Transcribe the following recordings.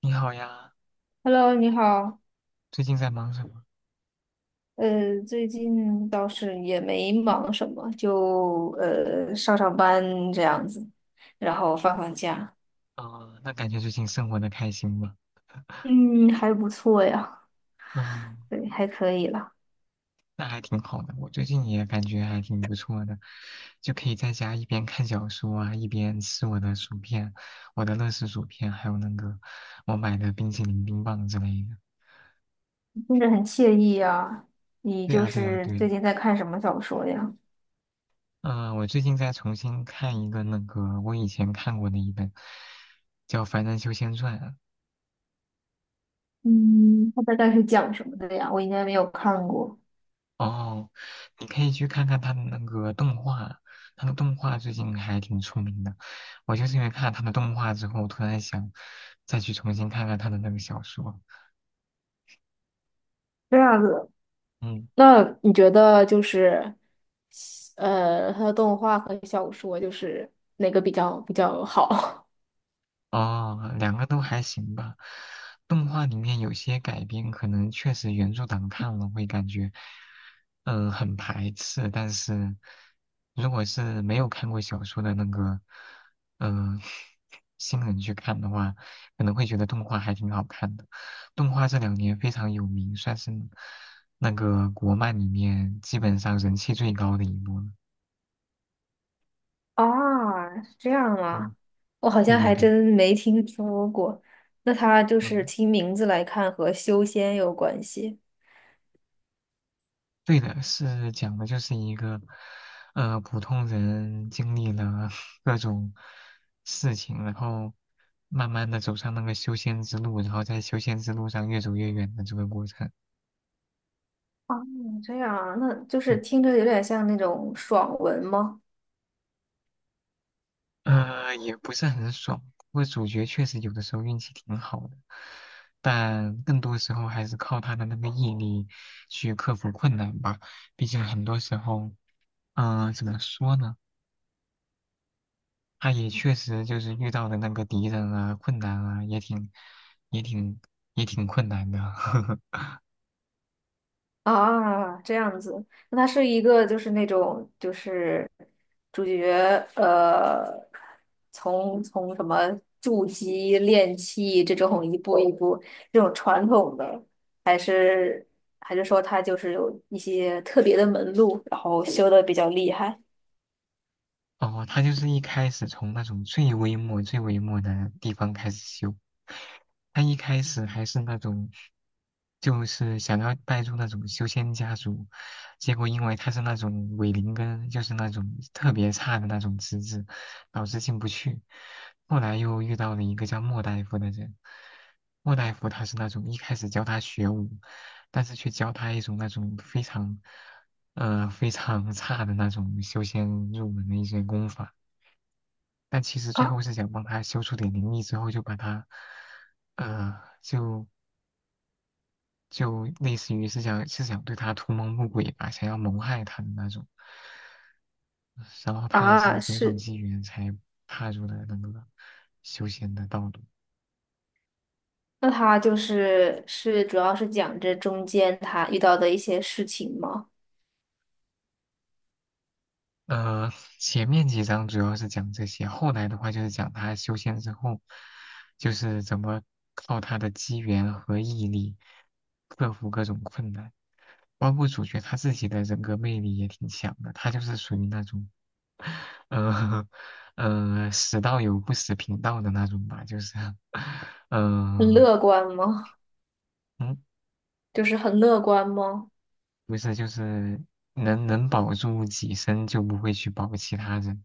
你好呀，Hello，你好。最近在忙什么？最近倒是也没忙什么，就上班这样子，然后放假。啊、那感觉最近生活的开心吗？嗯，还不错呀，嗯，对，还可以啦。那还挺好的。我最近也感觉还挺不错的，就可以在家一边看小说啊，一边吃我的薯片，我的乐事薯片，还有那个我买的冰淇淋、冰棒之类的。听着很惬意呀。你对就啊，对啊，是对啊。最近在看什么小说呀？嗯、我最近在重新看一个那个我以前看过的一本，叫《凡人修仙传》，嗯，它大概是讲什么的呀？我应该没有看过。哦，你可以去看看他的那个动画，他的动画最近还挺出名的。我就是因为看了他的动画之后，突然想再去重新看看他的那个小说。这样子。嗯。那你觉得就是它的动画和小说就是哪个比较好？哦，两个都还行吧。动画里面有些改编，可能确实原著党看了会感觉，很排斥。但是如果是没有看过小说的那个，嗯、新人去看的话，可能会觉得动画还挺好看的。动画这两年非常有名，算是那个国漫里面基本上人气最高的一部了。啊，是这样嗯，吗？我好对像对还对，真没听说过。那它就是嗯。听名字来看和修仙有关系。对的，是讲的就是一个，普通人经历了 各种事情，然后慢慢的走上那个修仙之路，然后在修仙之路上越走越远的这个过程。啊？这样啊，那就是嗯，听着有点像那种爽文吗？也不是很爽，不过主角确实有的时候运气挺好的，但更多时候还是靠他的那个毅力去克服困难吧。毕竟很多时候，怎么说呢？他也确实就是遇到的那个敌人啊，困难啊，也挺也挺也挺困难的。啊，这样子，那他是一个就是那种就是主角呃，从什么筑基练气，这种一步一步，这种传统的，还是，还是说他就是有一些特别的门路，然后修的比较厉害。哦，他就是一开始从那种最微末、最微末的地方开始修。他一开始还是那种，就是想要带入那种修仙家族，结果因为他是那种伪灵根，就是那种特别差的那种资质，导致进不去。后来又遇到了一个叫莫大夫的人，莫大夫他是那种一开始教他学武，但是却教他一种那种非常。非常 差的那种修仙入门的一些功法，但其实最啊，后是想帮他修出点灵力之后，就把他，呃，就类似于是想是想对他图谋不轨吧，想要谋害他的那种，然后他也是啊，种种是。机缘才踏入了那个修仙的道路。那他就是是主要是讲这中间他遇到的一些事情吗？呃，前面几章主要是讲这些，后来的话就是讲他修仙之后，就是怎么靠他的机缘和毅力克服各种困难，包括主角他自己的人格魅力也挺强的，他就是属于那种，呃死道友不死贫道的那种吧，就是，很嗯、乐观吗？嗯，就是很乐观吗？不是，就是能保住己身就不会去保其他人，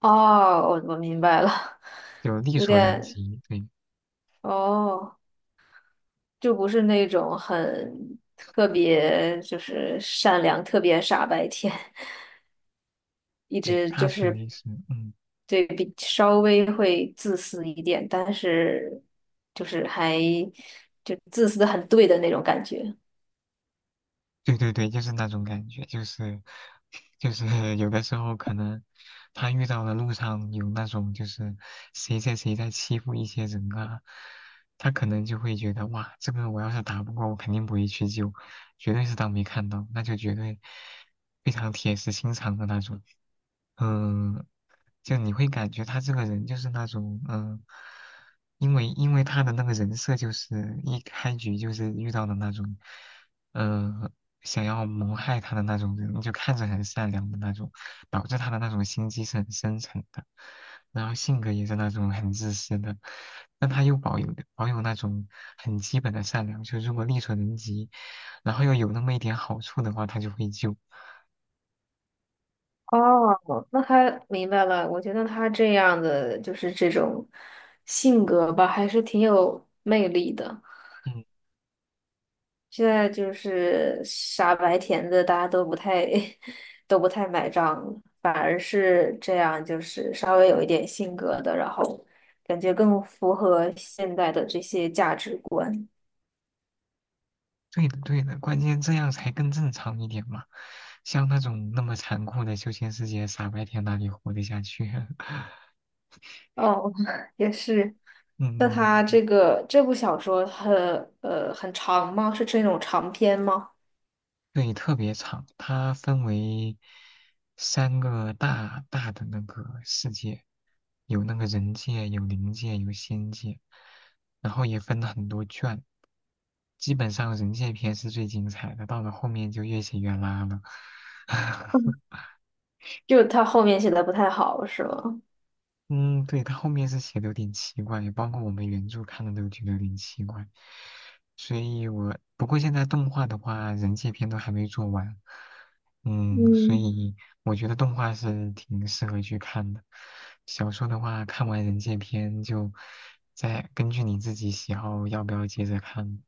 哦，我明白了。就力有所能点，及，对。哦，就不是那种很特别，就是善良、特别傻白甜，一对，直它就属是于是，嗯。对比稍微会自私一点，但是就是还，就自私的很对的那种感觉。对对对，就是那种感觉，就是有的时候可能他遇到的路上有那种就是谁在欺负一些人啊，他可能就会觉得哇，这个我要是打不过，我肯定不会去救，绝对是当没看到，那就绝对非常铁石心肠的那种。嗯，就你会感觉他这个人就是那种嗯，因为他的那个人设就是一开局就是遇到的那种。呃想要谋害他的那种人，就看着很善良的那种，导致他的那种心机是很深沉的，然后性格也是那种很自私的，但他又保有那种很基本的善良，就如果力所能及，然后又有那么一点好处的话，他就会救。哦，那他明白了。我觉得他这样的就是这种性格吧，还是挺有魅力的。嗯，现在就是傻白甜的，大家都不太 都不太买账了，反而是这样，就是稍微有一点性格的，然后感觉更符合现在的这些价值观。对的对的，关键这样才更正常一点嘛，像那种那么残酷的修仙世界，傻白甜哪里活得下去啊？哦，也是。那嗯。他嗯这个这部小说很，很长吗？是这种长篇吗？对，特别长，它分为三个大大的那个世界，有那个人界，有灵界，有仙界，然后也分了很多卷。基本上人界篇是最精彩的，到了后面就越写越拉了。嗯，就他后面写的不太好，是吗？嗯，对，他后面是写的有点奇怪，也包括我们原著看的都觉得有点奇怪，所以我不过现在动画的话，人界篇都还没做完，嗯，所嗯，以我觉得动画是挺适合去看的。小说的话，看完人界篇就再根据你自己喜好要不要接着看。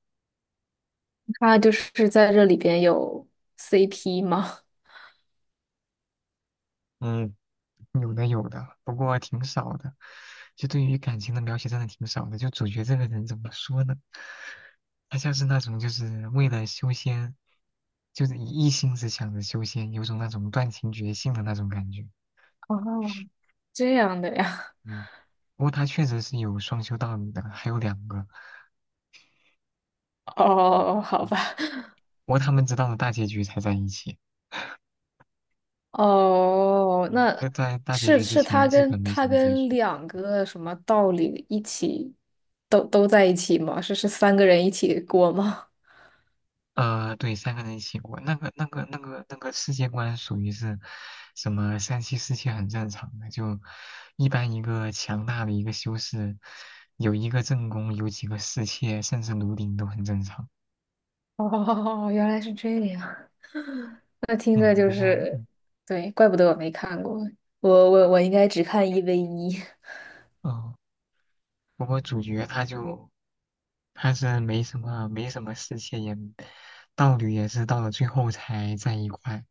他就是在这里边有 CP 吗？嗯，有的有的，不过挺少的。就对于感情的描写真的挺少的。就主角这个人怎么说呢？他像是那种就是为了修仙，就是一心只想着修仙，有种那种断情绝性的那种感觉。哦，这样的呀。嗯，不过他确实是有双修道侣的，还有两个。哦，好嗯，吧。不过他们直到了大结局才在一起。哦，嗯，那就在大结是局之是前他基跟本没怎他么接跟触。两个什么道理一起，都在一起吗？是是三个人一起过吗？对，三个人一起过，那个世界观属于是什么三妻四妾很正常的，就一般一个强大的一个修士，有一个正宫，有几个侍妾，甚至奴婢都很正常。哦，原来是这样。那听嗯，着就不过，是，嗯，对，怪不得我没看过，我应该只看一 v 一。 哦，不过主角他就他是没什么侍妾也，道侣也是到了最后才在一块，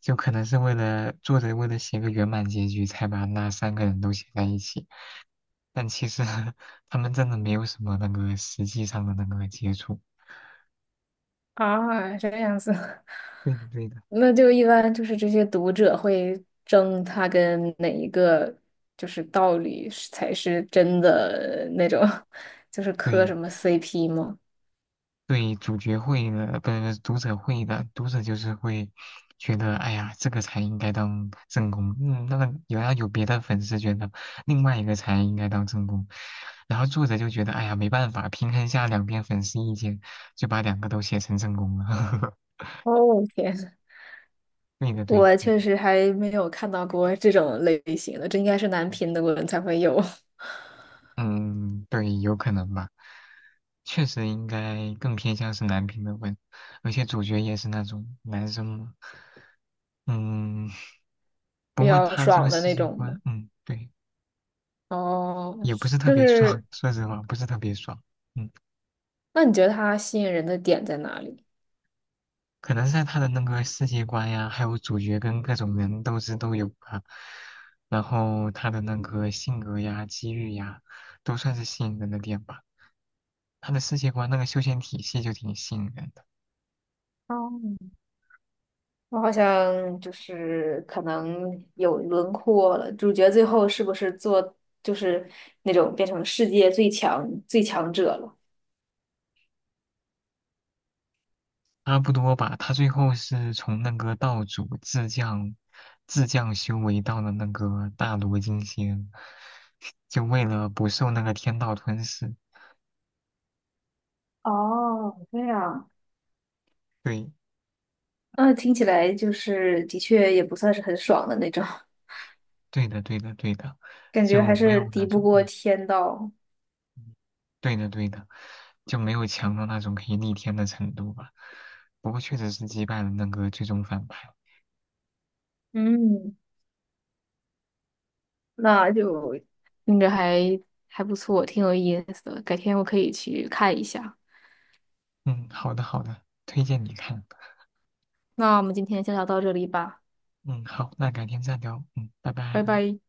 就可能是为了作者为了写个圆满结局，才把那三个人都写在一起。但其实 他们真的没有什么那个实际上的那个接触。啊，这样子。对的，对的，那就一般就是这些读者会争他跟哪一个就是道理是才是真的那种，就是磕对什么 CP 吗？对，主角会的，不是读者会的，读者就是会觉得，哎呀，这个才应该当正宫，嗯，那个有别的粉丝觉得另外一个才应该当正宫，然后作者就觉得，哎呀，没办法，平衡下两边粉丝意见，就把两个都写成正宫了。哦，天，对的，对的我对的确实还没有看到过这种类型的，这应该是男频的文才会有。 嗯，对，有可能吧。确实应该更偏向是男频的文，而且主角也是那种男生嘛。嗯，不比过较他这个爽的世那界种吗？观，嗯，对，哦，也不是是特就别爽，是，说实话，不是特别爽。嗯，那你觉得他吸引人的点在哪里？可能是在他的那个世界观呀，还有主角跟各种人斗智都有啊，然后他的那个性格呀、机遇呀，都算是吸引人的点吧。他的世界观那个修仙体系就挺吸引人。的。哦，我好像就是可能有轮廓了，主角最后是不是做，就是那种变成世界最强，最强者了？差不多吧，他最后是从那个道主自降修为到了那个大罗金仙，就为了不受那个天道吞噬。哦，这样，对，那听起来就是的确也不算是很爽的那种，对的，对的，对的，感觉还就没是有那敌不种，过嗯，天道。对的，对的，就没有强到那种可以逆天的程度吧。不过确实是击败了那个最终反派。嗯，那就听着还，还不错，挺有意思的，改天我可以去看一下。嗯，好的，好的，推荐你看。那我们今天先聊到这里吧，嗯，好，那改天再聊。嗯，拜拜。拜拜。